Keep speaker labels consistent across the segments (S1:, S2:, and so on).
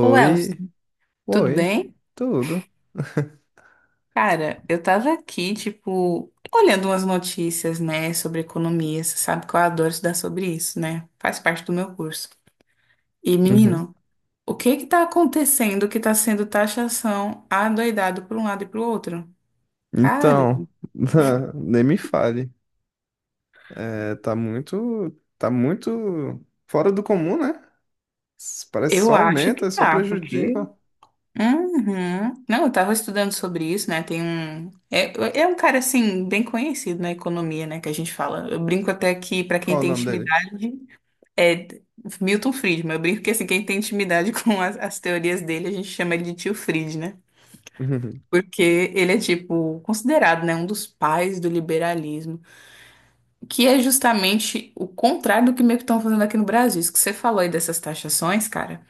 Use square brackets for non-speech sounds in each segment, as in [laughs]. S1: Ô, Elson, tudo
S2: oi,
S1: bem?
S2: tudo.
S1: Cara, eu tava aqui, tipo, olhando umas notícias, né, sobre economia. Você sabe que eu adoro estudar sobre isso, né? Faz parte do meu curso. E,
S2: Uhum.
S1: menino, o que que tá acontecendo que tá sendo taxação adoidado por um lado e pro outro? Cara,
S2: Então, [laughs] nem me fale. É, tá muito fora do comum, né? Parece que só
S1: eu acho que
S2: aumenta, só
S1: tá, porque.
S2: prejudica.
S1: Uhum. Não, eu tava estudando sobre isso, né? Tem um. É um cara, assim, bem conhecido na economia, né, que a gente fala. Eu brinco até que, pra
S2: Qual
S1: quem
S2: é o
S1: tem
S2: nome dele?
S1: intimidade. É Milton Friedman. Eu brinco que assim, quem tem intimidade [laughs] com as teorias dele, a gente chama ele de tio Fried, né?
S2: Uhum.
S1: Porque ele é, tipo, considerado, né, um dos pais do liberalismo, que é justamente o contrário do que meio que estão fazendo aqui no Brasil. Isso que você falou aí dessas taxações, cara,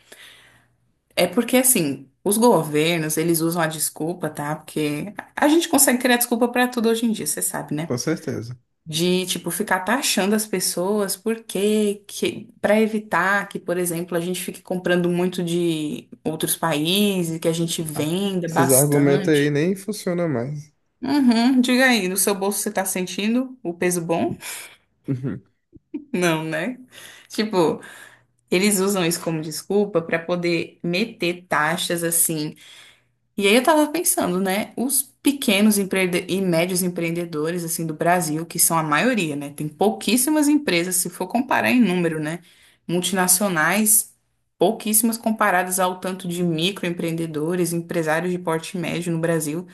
S1: é porque, assim, os governos, eles usam a desculpa, tá? Porque a gente consegue criar desculpa pra tudo hoje em dia, você sabe,
S2: [laughs]
S1: né?
S2: Com certeza.
S1: De tipo ficar taxando as pessoas porque que para evitar que, por exemplo, a gente fique comprando muito de outros países, que a gente venda
S2: Esses argumentos aí
S1: bastante.
S2: nem funcionam mais.
S1: Uhum, diga aí, no seu bolso você tá sentindo o peso bom?
S2: Uhum.
S1: [laughs] Não, né? Tipo, eles usam isso como desculpa para poder meter taxas assim. E aí eu tava pensando, né? Os pequenos e médios empreendedores, assim, do Brasil, que são a maioria, né? Tem pouquíssimas empresas, se for comparar em número, né? Multinacionais, pouquíssimas comparadas ao tanto de microempreendedores, empresários de porte médio no Brasil.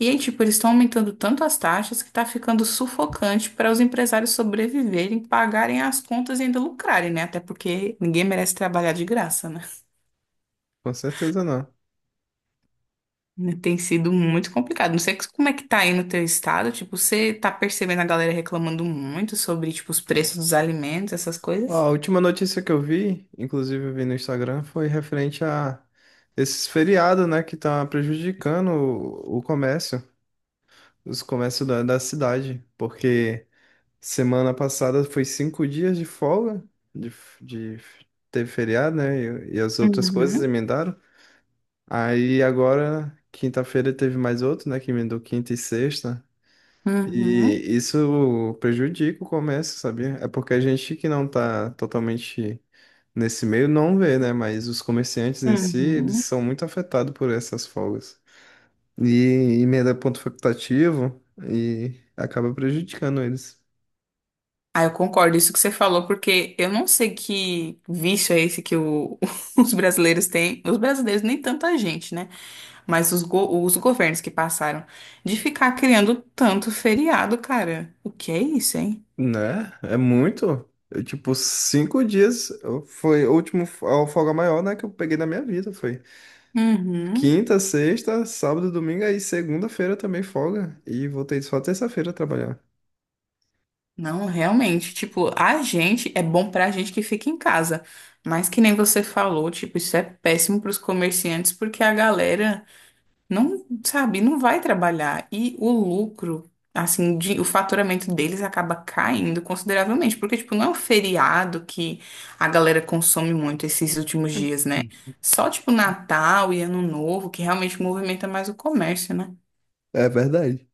S1: E aí, tipo, eles estão aumentando tanto as taxas que tá ficando sufocante para os empresários sobreviverem, pagarem as contas e ainda lucrarem, né? Até porque ninguém merece trabalhar de graça, né?
S2: [laughs] Com certeza não.
S1: Né, tem sido muito complicado. Não sei como é que tá aí no teu estado. Tipo, você tá percebendo a galera reclamando muito sobre, tipo, os preços dos alimentos, essas
S2: Ó,
S1: coisas?
S2: a última notícia que eu vi, inclusive eu vi no Instagram, foi referente a esses feriados, né, que tá prejudicando o comércio. Os comércios da cidade, porque semana passada foi 5 dias de folga, de, f- de teve feriado, né? E as outras coisas
S1: Uhum,
S2: emendaram. Aí agora, quinta-feira, teve mais outro, né? Que emendou quinta e sexta. E
S1: uhum,
S2: isso prejudica o comércio, sabia? É porque a gente que não tá totalmente nesse meio não vê, né? Mas os comerciantes em si, eles
S1: uhum.
S2: são muito afetados por essas folgas. E emenda ponto facultativo e acaba prejudicando eles.
S1: Ah, eu concordo isso que você falou, porque eu não sei que vício é esse que [laughs] os brasileiros têm. Os brasileiros, nem tanta gente, né? Mas os governos que passaram de ficar criando tanto feriado, cara. O que é isso, hein?
S2: Né? É muito. Eu, tipo, 5 dias foi o último a folga maior, né, que eu peguei na minha vida. Foi
S1: Uhum.
S2: quinta, sexta, sábado, domingo, aí segunda-feira também folga. E voltei só terça-feira a trabalhar.
S1: Não, realmente, tipo, a gente é bom pra gente que fica em casa, mas que nem você falou, tipo, isso é péssimo pros comerciantes porque a galera não, sabe, não vai trabalhar e o lucro, assim, o faturamento deles acaba caindo consideravelmente, porque tipo, não é um feriado que a galera consome muito esses últimos dias, né?
S2: Hum.
S1: Só tipo Natal e Ano Novo que realmente movimenta mais o comércio, né?
S2: É verdade.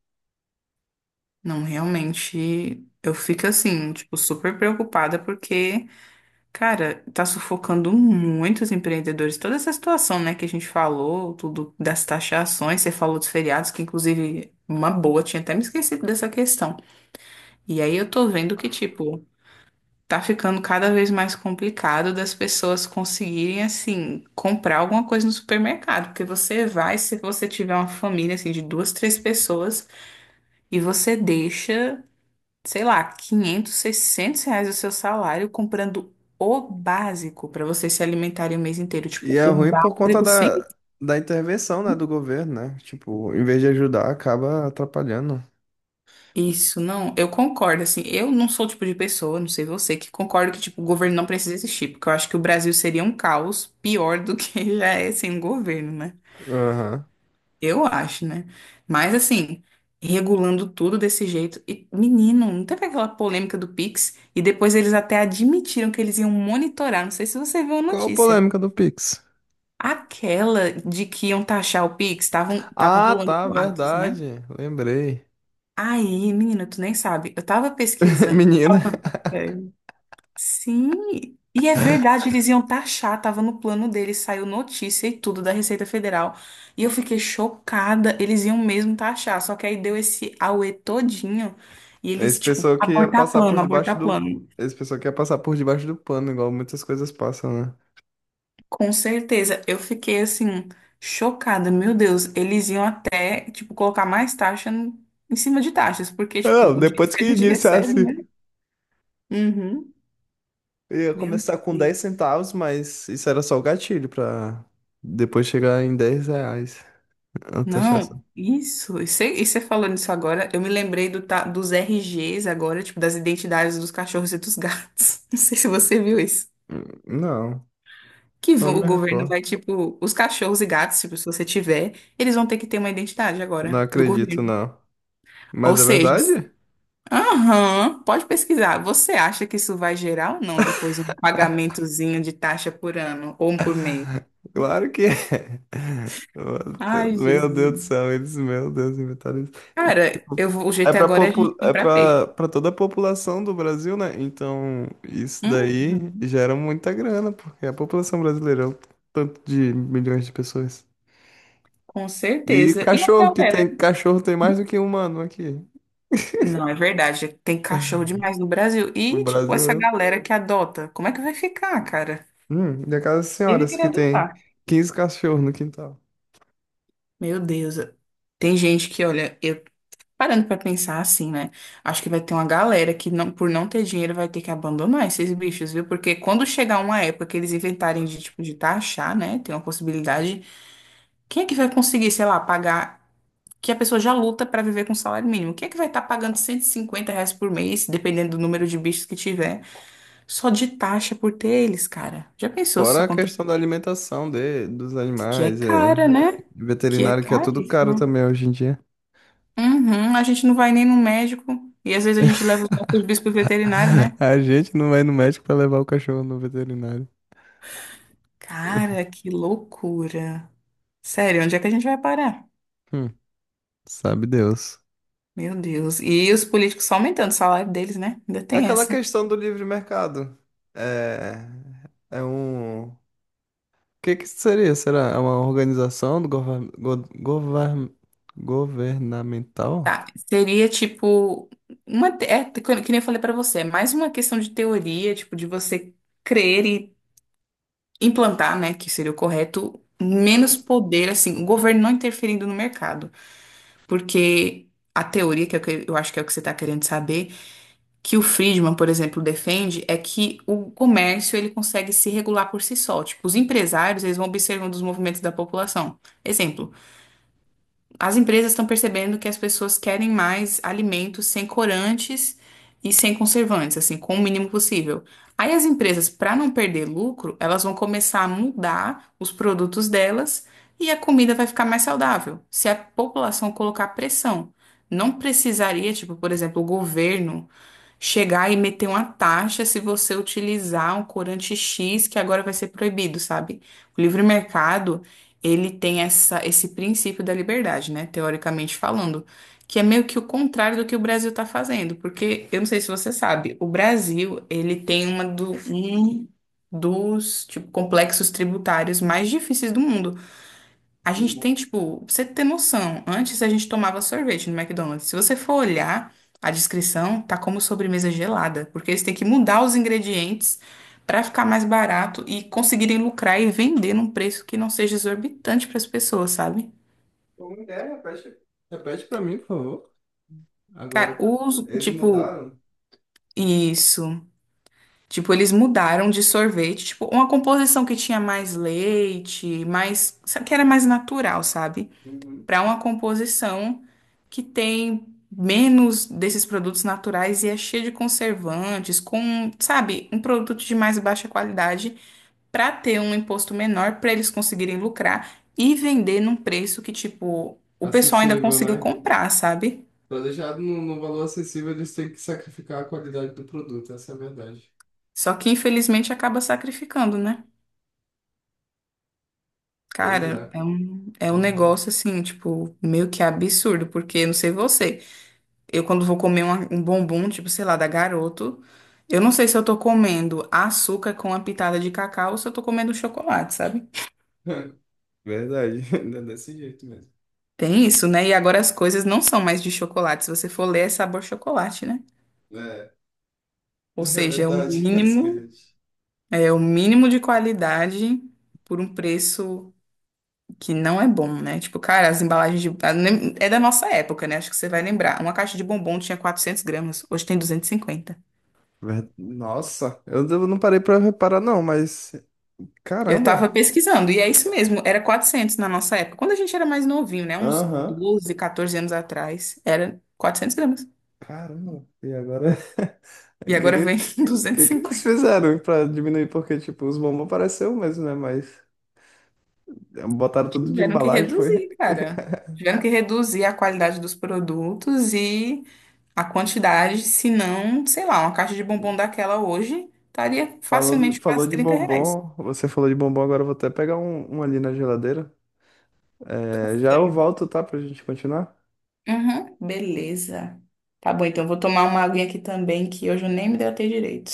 S1: Não, realmente, eu fico assim, tipo, super preocupada porque, cara, tá sufocando muitos empreendedores. Toda essa situação, né, que a gente falou, tudo das taxações, você falou dos feriados, que inclusive uma boa, tinha até me esquecido dessa questão. E aí eu tô vendo que, tipo, tá ficando cada vez mais complicado das pessoas conseguirem, assim, comprar alguma coisa no supermercado. Porque você vai, se você tiver uma família, assim, de duas, três pessoas, e você deixa sei lá, 500, 600 reais o seu salário comprando o básico para vocês se alimentarem o mês inteiro.
S2: E
S1: Tipo,
S2: é
S1: o
S2: ruim por conta
S1: básico sem
S2: da intervenção, né, do governo, né? Tipo, em vez de ajudar, acaba atrapalhando.
S1: isso, não. Eu concordo, assim. Eu não sou o tipo de pessoa, não sei você, que concordo que, tipo, o governo não precisa existir, porque eu acho que o Brasil seria um caos pior do que [laughs] já é sem o governo, né?
S2: Aham.
S1: Eu acho, né? Mas, assim. Regulando tudo desse jeito. E, menino, não teve aquela polêmica do Pix? E depois eles até admitiram que eles iam monitorar. Não sei se você viu a
S2: Qual a
S1: notícia.
S2: polêmica do Pix?
S1: Aquela de que iam taxar o Pix, tava
S2: Ah,
S1: rolando
S2: tá,
S1: boatos, né?
S2: verdade. Lembrei.
S1: Aí, menina, tu nem sabe. Eu tava
S2: [laughs]
S1: pesquisando.
S2: Menina,
S1: É. Sim, e é verdade, eles iam taxar, tava no plano deles, saiu notícia e tudo da Receita Federal. E eu fiquei chocada, eles iam mesmo taxar, só que aí deu esse auê todinho e eles,
S2: esse
S1: tipo,
S2: pessoal que ia
S1: abortar
S2: passar
S1: plano,
S2: por debaixo
S1: abortar
S2: do.
S1: plano.
S2: Esse pessoal que ia passar por debaixo do pano, igual muitas coisas passam, né?
S1: Com certeza, eu fiquei assim, chocada. Meu Deus, eles iam até, tipo, colocar mais taxa em cima de taxas, porque, tipo,
S2: Não,
S1: o dinheiro
S2: depois
S1: que
S2: que
S1: a gente [laughs] recebe, né?
S2: iniciasse,
S1: Uhum.
S2: ia
S1: Meu
S2: começar com 10
S1: Deus.
S2: centavos, mas isso era só o gatilho pra depois chegar em R$ 10. A taxação.
S1: Não, isso. E você falando isso agora, eu me lembrei dos RGs agora, tipo, das identidades dos cachorros e dos gatos. [laughs] Não sei se você viu isso.
S2: Não,
S1: Que
S2: não
S1: vão- o
S2: me
S1: governo
S2: recordo.
S1: vai, tipo, os cachorros e gatos, tipo, se você tiver, eles vão ter que ter uma identidade
S2: Não
S1: agora do
S2: acredito,
S1: governo.
S2: não.
S1: Ou
S2: Mas é
S1: seja,
S2: verdade?
S1: aham, pode pesquisar. Você acha que isso vai gerar ou não depois um pagamentozinho de taxa por ano ou um por mês?
S2: Claro que é. [laughs]
S1: Ai,
S2: Meu Deus do
S1: Jesus.
S2: céu, eles, meu Deus, inventaram.
S1: Cara, o
S2: É
S1: jeito
S2: para
S1: agora é a gente
S2: popu... é
S1: comprar
S2: para
S1: peixe.
S2: para toda a população do Brasil, né? Então, isso daí
S1: Uhum,
S2: gera muita grana, porque a população brasileira é um tanto de milhões de pessoas.
S1: com
S2: E
S1: certeza. E a
S2: cachorro, que
S1: galera?
S2: tem cachorro tem mais do que um humano aqui.
S1: Não, é verdade. Tem cachorro demais no Brasil.
S2: O
S1: E, tipo,
S2: Brasil
S1: essa
S2: é.
S1: galera que adota, como é que vai ficar, cara?
S2: E aquelas
S1: Ele
S2: senhoras
S1: queria
S2: que tem
S1: adotar.
S2: 15 cachorros no quintal.
S1: Meu Deus, tem gente que, olha, eu parando pra pensar assim, né? Acho que vai ter uma galera que não, por não ter dinheiro vai ter que abandonar esses bichos, viu? Porque quando chegar uma época que eles inventarem de tipo de taxar, né? Tem uma possibilidade. Quem é que vai conseguir, sei lá, pagar que a pessoa já luta pra viver com salário mínimo? Quem é que vai estar pagando R$ 150 por mês, dependendo do número de bichos que tiver, só de taxa por ter eles, cara? Já pensou se isso
S2: Fora a
S1: acontece?
S2: questão da alimentação dos
S1: Que é
S2: animais, é
S1: cara, né? Que é
S2: veterinário que é
S1: caro.
S2: tudo caro também hoje em dia.
S1: Uhum, a gente não vai nem no médico. E às vezes a gente
S2: [laughs]
S1: leva os nossos bichos pro veterinário, né?
S2: A gente não vai no médico para levar o cachorro no veterinário. [laughs]
S1: Cara, que loucura. Sério, onde é que a gente vai parar?
S2: Sabe Deus.
S1: Meu Deus. E os políticos só aumentando o salário deles, né? Ainda
S2: É.
S1: tem
S2: Aquela
S1: essa.
S2: questão do livre mercado. É, é um. O que que seria? Será? É uma organização do governamental?
S1: Tá, seria tipo que nem eu falei pra você, é mais uma questão de teoria, tipo de você crer e implantar, né, que seria o correto, menos poder assim, o governo não interferindo no mercado, porque a teoria que é o que eu acho que é o que você tá querendo saber que o Friedman, por exemplo, defende é que o comércio ele consegue se regular por si só. Tipo, os empresários, eles vão observando os movimentos da população. Exemplo, as empresas estão percebendo que as pessoas querem mais alimentos sem corantes e sem conservantes, assim, com o mínimo possível. Aí as empresas, para não perder lucro, elas vão começar a mudar os produtos delas e a comida vai ficar mais saudável. Se a população colocar pressão, não precisaria, tipo, por exemplo, o governo chegar e meter uma taxa se você utilizar um corante X que agora vai ser proibido, sabe? O livre mercado, ele tem esse princípio da liberdade, né? Teoricamente falando, que é meio que o contrário do que o Brasil está fazendo, porque eu não sei se você sabe, o Brasil, ele tem um dos, tipo, complexos tributários mais difíceis do mundo. A
S2: Do
S1: gente
S2: mundo.
S1: tem, tipo, pra você ter noção, antes a gente tomava sorvete no McDonald's. Se você for olhar a descrição, tá como sobremesa gelada, porque eles têm que mudar os ingredientes pra ficar mais barato e conseguirem lucrar e vender num preço que não seja exorbitante pras pessoas, sabe?
S2: Como é? Repete, repete para mim, por favor.
S1: Cara,
S2: Agora,
S1: os,
S2: eles
S1: tipo,
S2: mudaram.
S1: isso. Tipo, eles mudaram de sorvete, tipo, uma composição que tinha mais leite, mais, sabe, que era mais natural, sabe?
S2: Uhum.
S1: Para uma composição que tem menos desses produtos naturais e é cheia de conservantes, com, sabe, um produto de mais baixa qualidade para ter um imposto menor, para eles conseguirem lucrar e vender num preço que, tipo, o pessoal ainda
S2: Acessível,
S1: consiga
S2: né?
S1: comprar, sabe?
S2: Para deixar no valor acessível, eles têm que sacrificar a qualidade do produto, essa é a verdade.
S1: Só que infelizmente acaba sacrificando, né?
S2: Pois
S1: Cara,
S2: é.
S1: é um
S2: E-
S1: negócio assim, tipo, meio que absurdo, porque não sei você. Eu, quando vou comer um bombom, tipo, sei lá, da Garoto, eu não sei se eu tô comendo açúcar com uma pitada de cacau ou se eu tô comendo chocolate, sabe?
S2: [laughs] Verdade, [laughs] é desse jeito mesmo.
S1: Tem isso, né? E agora as coisas não são mais de chocolate. Se você for ler, é sabor chocolate, né?
S2: É, é
S1: Ou seja,
S2: verdade, [laughs] esse bilhete.
S1: é o mínimo de qualidade por um preço que não é bom, né? Tipo, cara, as embalagens de... a- nem- É da nossa época, né? Acho que você vai lembrar. Uma caixa de bombom tinha 400 gramas, hoje tem 250.
S2: Nossa, eu não parei pra reparar, não, mas.
S1: Eu tava
S2: Caramba!
S1: pesquisando, e é isso mesmo, era 400 na nossa época. Quando a gente era mais novinho, né? Uns
S2: Aham,
S1: 12, 14 anos atrás, era 400 gramas.
S2: caramba! E agora? [laughs] O
S1: E
S2: que,
S1: agora
S2: que,
S1: vem [laughs]
S2: que que eles
S1: 250.
S2: fizeram pra diminuir? Porque, tipo, os bombons pareceram mesmo, né? Mas botaram tudo de
S1: Tiveram que
S2: embalagem, foi.
S1: reduzir, cara. Tiveram que reduzir a qualidade dos produtos e a quantidade, senão, sei lá, uma caixa de bombom daquela hoje estaria
S2: Falou,
S1: facilmente
S2: falou
S1: quase
S2: de
S1: R$ 30.
S2: bombom, você falou de bombom, agora eu vou até pegar um ali na geladeira. É, já eu volto, tá? Pra gente continuar.
S1: Uhum, beleza. Tá bom, então vou tomar uma aguinha aqui também, que hoje eu nem me deu direito.